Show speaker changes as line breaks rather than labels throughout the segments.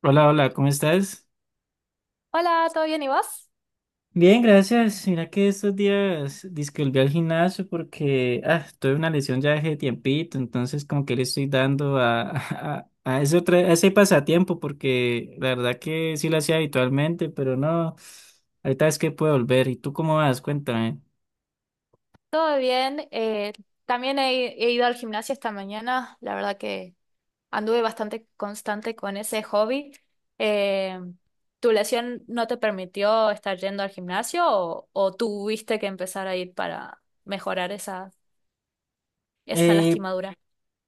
Hola, hola, ¿cómo estás?
Hola, ¿todo bien y vos?
Bien, gracias. Mira que estos días dizque volví al gimnasio porque tuve una lesión ya hace tiempito, entonces como que le estoy dando a, a ese a ese pasatiempo porque la verdad que sí lo hacía habitualmente, pero no, ahorita es que puedo volver. ¿Y tú cómo vas? Cuéntame.
Todo bien. También he ido al gimnasio esta mañana. La verdad que anduve bastante constante con ese hobby. Eh, ¿Tu lesión no te permitió estar yendo al gimnasio o tuviste que empezar a ir para mejorar esa
Eh,
lastimadura?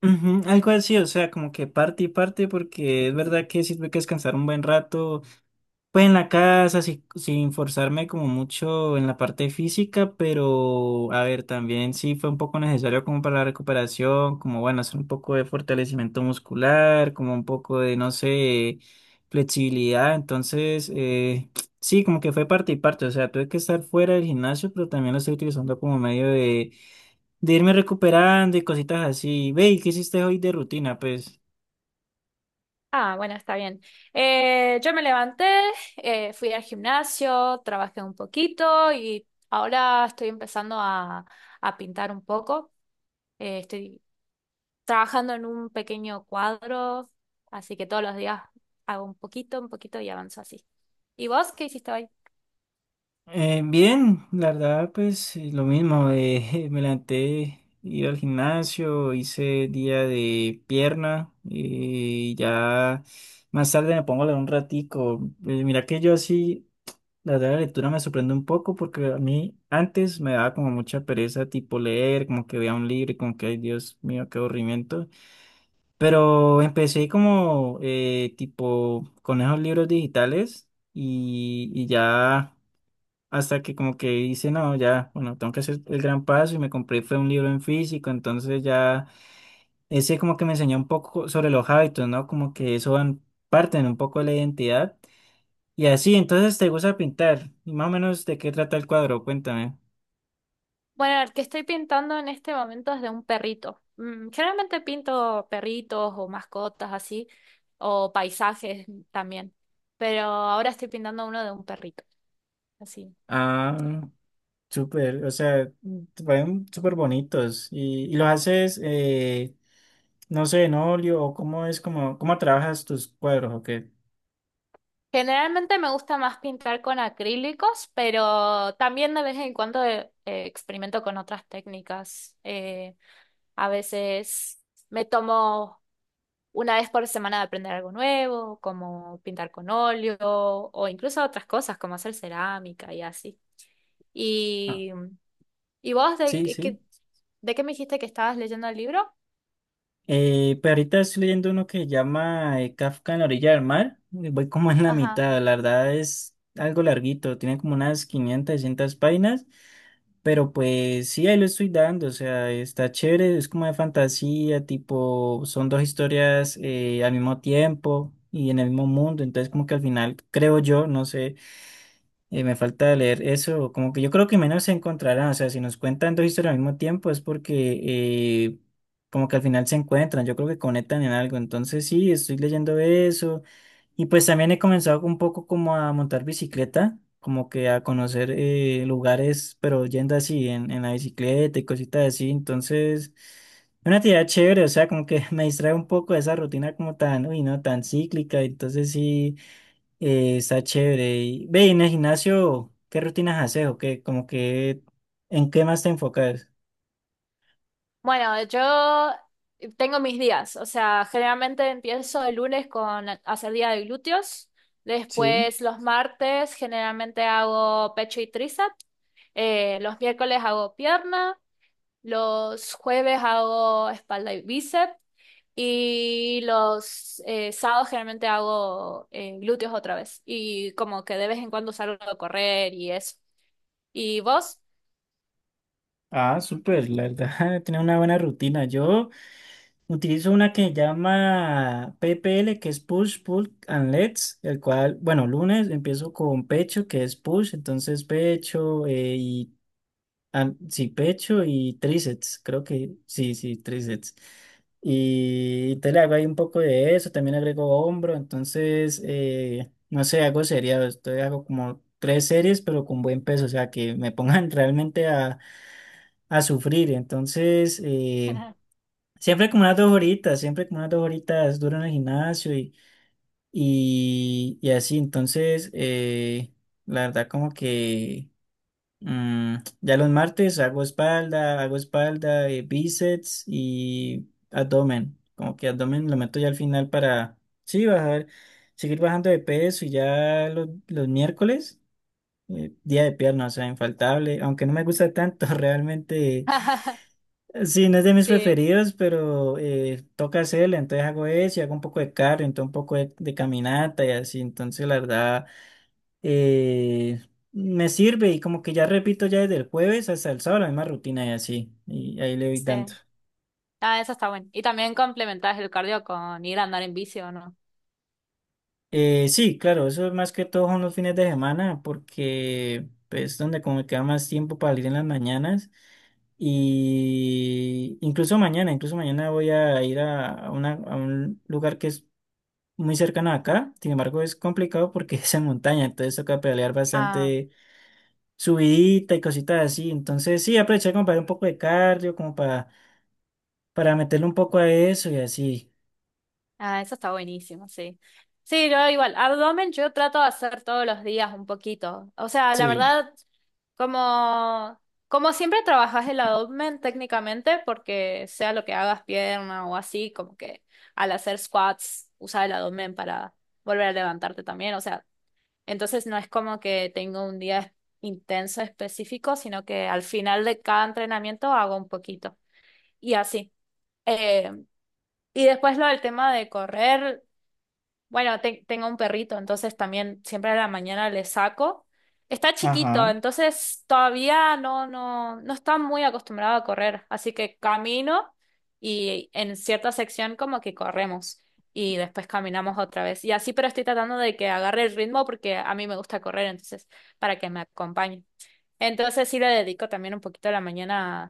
ujú, algo así, o sea, como que parte y parte porque es verdad que sirve que descansar un buen rato. Pues en la casa, sin forzarme como mucho en la parte física, pero a ver, también sí fue un poco necesario como para la recuperación, como bueno, hacer un poco de fortalecimiento muscular, como un poco de, no sé, flexibilidad. Entonces, sí, como que fue parte y parte. O sea, tuve que estar fuera del gimnasio, pero también lo estoy utilizando como medio de irme recuperando y cositas así. Ve, ¿y qué hiciste hoy de rutina? Pues.
Ah, bueno, está bien. Yo me levanté, fui al gimnasio, trabajé un poquito y ahora estoy empezando a pintar un poco. Estoy trabajando en un pequeño cuadro, así que todos los días hago un poquito y avanzo así. ¿Y vos qué hiciste hoy?
Bien, la verdad, pues lo mismo, me levanté, ir al gimnasio, hice día de pierna y ya más tarde me pongo a leer un ratico. Mira que yo así, la verdad, la lectura me sorprende un poco porque a mí antes me daba como mucha pereza tipo leer, como que veía un libro y como que, ay Dios mío, qué aburrimiento. Pero empecé como tipo con esos libros digitales y ya... Hasta que como que hice, no, ya, bueno, tengo que hacer el gran paso y me compré, fue un libro en físico, entonces ya, ese como que me enseñó un poco sobre los hábitos, ¿no? Como que eso van, parten un poco de la identidad. Y así, entonces te gusta pintar. Y más o menos de qué trata el cuadro, cuéntame.
Bueno, el que estoy pintando en este momento es de un perrito. Mm, generalmente pinto perritos o mascotas así, o paisajes también, pero ahora estoy pintando uno de un perrito, así.
Ah, súper, o sea, te parecen súper bonitos. Y lo haces, no sé, en óleo, o cómo es, como, cómo trabajas tus cuadros, o qué.
Generalmente me gusta más pintar con acrílicos, pero también de vez en cuando experimento con otras técnicas. A veces me tomo una vez por semana de aprender algo nuevo, como pintar con óleo o incluso otras cosas como hacer cerámica y así.
Ah,
¿Y, y vos de,
sí,
qué,
sí.
qué- De qué me dijiste que estabas leyendo el libro?
Pero ahorita estoy leyendo uno que se llama Kafka en la orilla del mar. Voy como en la
Ajá.
mitad, la verdad es algo larguito, tiene como unas 500, 600 páginas, pero pues sí, ahí lo estoy dando, o sea, está chévere, es como de fantasía, tipo, son dos historias al mismo tiempo y en el mismo mundo, entonces como que al final, creo yo, no sé. Me falta leer eso, como que yo creo que menos se encontrarán, o sea, si nos cuentan dos historias al mismo tiempo es porque como que al final se encuentran, yo creo que conectan en algo, entonces sí, estoy leyendo eso y pues también he comenzado un poco como a montar bicicleta, como que a conocer lugares, pero yendo así en la bicicleta y cositas así, entonces es una actividad chévere, o sea, como que me distrae un poco de esa rutina como tan, uy, no, tan cíclica, entonces sí. Está chévere. Y, ve, y en el gimnasio, ¿qué rutinas haces o qué? Como que, ¿en qué más te enfocas?
Bueno, yo tengo mis días, o sea, generalmente empiezo el lunes con hacer día de glúteos,
Sí.
después los martes generalmente hago pecho y tríceps, los miércoles hago pierna, los jueves hago espalda y bíceps. Y los sábados generalmente hago glúteos otra vez. Y como que de vez en cuando salgo a correr y eso. ¿Y vos?
Ah, súper, la verdad, tiene una buena rutina. Yo utilizo una que se llama PPL, que es Push, Pull and Legs, el cual, bueno, lunes empiezo con pecho, que es push, entonces pecho, y ah, sí, pecho y tríceps, creo que sí, sí, tríceps. Y te le hago ahí un poco de eso, también agrego hombro, entonces, no sé, hago sería, estoy hago como tres series, pero con buen peso, o sea, que me pongan realmente a sufrir. Entonces, siempre como unas dos horitas, siempre como unas dos horitas duro en el gimnasio y así, entonces, la verdad como que... Mm, ya los martes hago espalda, bíceps y abdomen. Como que abdomen lo meto ya al final para, sí, bajar, seguir bajando de peso y ya los miércoles, día de pierna, o sea, infaltable. Aunque no me gusta tanto, realmente, sí, no es de mis
Sí,
preferidos, pero toca hacerle, entonces hago eso y hago un poco de cardio, entonces un poco de caminata y así. Entonces, la verdad eh, me sirve y como que ya repito ya desde el jueves hasta el sábado la misma rutina y así, y ahí le doy tanto.
sí. Ah, eso está bueno. Y también complementás el cardio con ir a andar en bici, ¿o no?
Sí, claro, eso es más que todo son los fines de semana porque pues, es donde como me queda más tiempo para ir en las mañanas y incluso mañana voy a ir a a un lugar que es muy cercano a acá, sin embargo es complicado porque es en montaña, entonces toca pedalear bastante subidita y cositas así, entonces sí, aprovechar como para hacer un poco de cardio, como para meterle un poco a eso y así.
Ah, eso está buenísimo, sí. Sí, yo igual, abdomen yo trato de hacer todos los días un poquito. O sea, la
Sí,
verdad, como, como siempre trabajas el abdomen técnicamente, porque sea lo que hagas pierna o así, como que al hacer squats usas el abdomen para volver a levantarte también. O sea, entonces no es como que tengo un día intenso específico, sino que al final de cada entrenamiento hago un poquito. Y así. Eh, y después lo del tema de correr. Bueno, tengo un perrito, entonces también siempre a la mañana le saco. Está chiquito,
ajá.
entonces todavía no, no, no está muy acostumbrado a correr, así que camino y en cierta sección como que corremos y después caminamos otra vez. Y así, pero estoy tratando de que agarre el ritmo porque a mí me gusta correr, entonces para que me acompañe. Entonces sí le dedico también un poquito a la mañana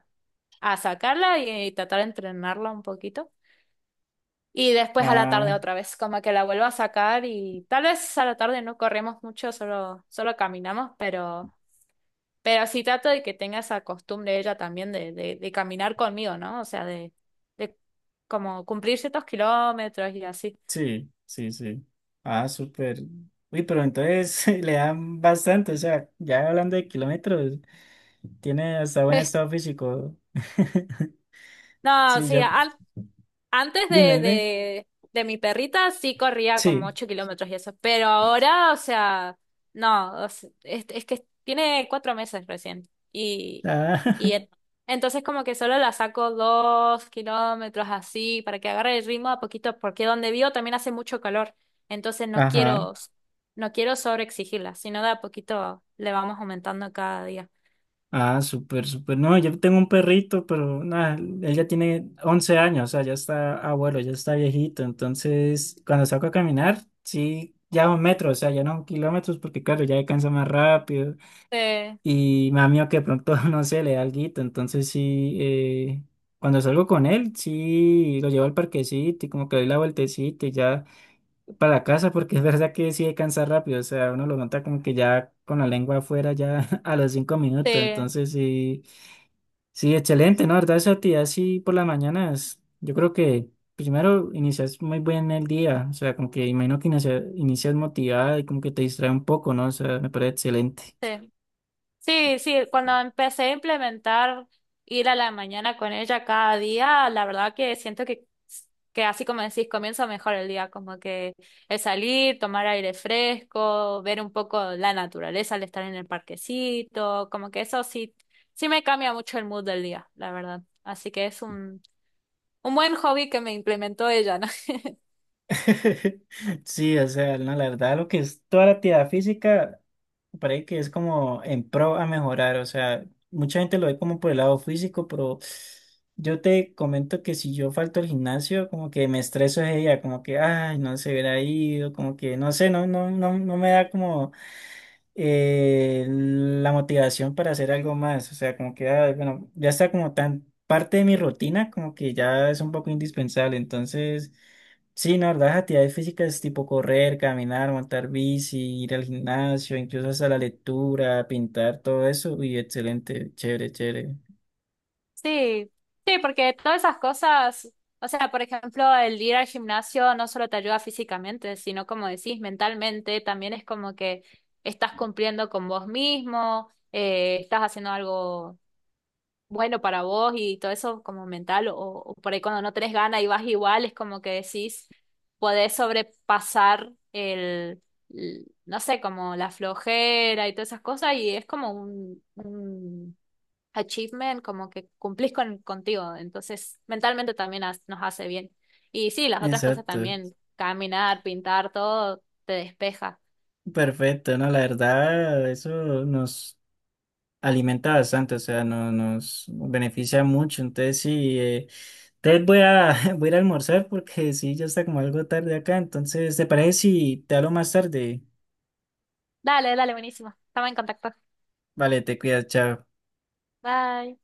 a sacarla y tratar de entrenarla un poquito. Y después a la tarde
Ah,
otra vez, como que la vuelvo a sacar y tal vez a la tarde no corremos mucho, solo, solo caminamos, pero sí trato de que tenga esa costumbre ella también de caminar conmigo, ¿no? O sea, de como cumplir ciertos kilómetros y así.
sí, sí, sí. Ah, súper. Uy, pero entonces le dan bastante, o sea, ya hablando de kilómetros, tiene hasta buen estado físico.
No,
Sí,
sí,
yo,
antes
dime, dime.
de mi perrita sí corría como
Sí.
8 kilómetros y eso, pero ahora, o sea, no, es que tiene 4 meses recién y, y
Ah,
en- entonces como que solo la saco 2 kilómetros así para que agarre el ritmo a poquito, porque donde vivo también hace mucho calor, entonces
ajá.
no quiero sobreexigirla, sino de a poquito le vamos aumentando cada día.
Ah, súper, súper. No, yo tengo un perrito, pero nada, él ya tiene 11 años, o sea, ya está abuelo, ya está viejito. Entonces, cuando saco a caminar, sí, ya un metro, o sea, ya no kilómetros, porque claro, ya cansa más rápido.
Sí,
Y me da miedo que de pronto, no sé, le da alguito. Entonces, sí, cuando salgo con él, sí, lo llevo al parquecito y como que le doy la vueltecita y ya para la casa, porque es verdad que sí cansa rápido, o sea, uno lo nota como que ya con la lengua afuera, ya a los 5 minutos.
sí,
Entonces, sí. Sí, excelente, ¿no? La verdad, esa actividad así por las mañanas, yo creo que primero inicias muy bien el día, o sea, como que imagino que inicias motivada y como que te distrae un poco, ¿no? O sea, me parece excelente.
sí. Sí, sí, cuando empecé a implementar ir a la mañana con ella cada día, la verdad que siento que así como decís, comienza mejor el día, como que el salir, tomar aire fresco, ver un poco la naturaleza al estar en el parquecito, como que sí me cambia mucho el mood del día, la verdad. Así que es un buen hobby que me implementó ella, ¿no?
Sí, o sea, no, la verdad, lo que es toda la actividad física, me parece que es como en pro a mejorar, o sea, mucha gente lo ve como por el lado físico, pero yo te comento que si yo falto al gimnasio, como que me estreso ese día, como que, ay, no se hubiera ido, como que, no sé, no, no, no, no me da como la motivación para hacer algo más. O sea, como que, ah, bueno, ya está como tan parte de mi rutina, como que ya es un poco indispensable. Entonces, sí, no, la verdad, las actividades físicas tipo correr, caminar, montar bici, ir al gimnasio, incluso hasta la lectura, pintar, todo eso. Y excelente, chévere, chévere.
Sí, sí, porque todas esas cosas, o sea, por ejemplo, el ir al gimnasio no solo te ayuda físicamente, sino como decís, mentalmente, también es como que estás cumpliendo con vos mismo, estás haciendo algo bueno para vos y todo eso como mental, o por ahí cuando no tenés ganas y vas igual, es como que decís, podés sobrepasar no sé, como la flojera y todas esas cosas, y es como un achievement, como que cumplís contigo, entonces mentalmente también nos hace bien. Y sí, las otras cosas
Exacto.
también, caminar, pintar, todo te despeja.
Perfecto, no, la verdad, eso nos alimenta bastante, o sea, no, nos beneficia mucho. Entonces, sí, entonces voy a, voy a ir a almorzar porque sí, ya está como algo tarde acá. Entonces, ¿te parece si te hablo más tarde?
Dale, dale, buenísimo. Estamos en contacto.
Vale, te cuidas, chao.
Bye.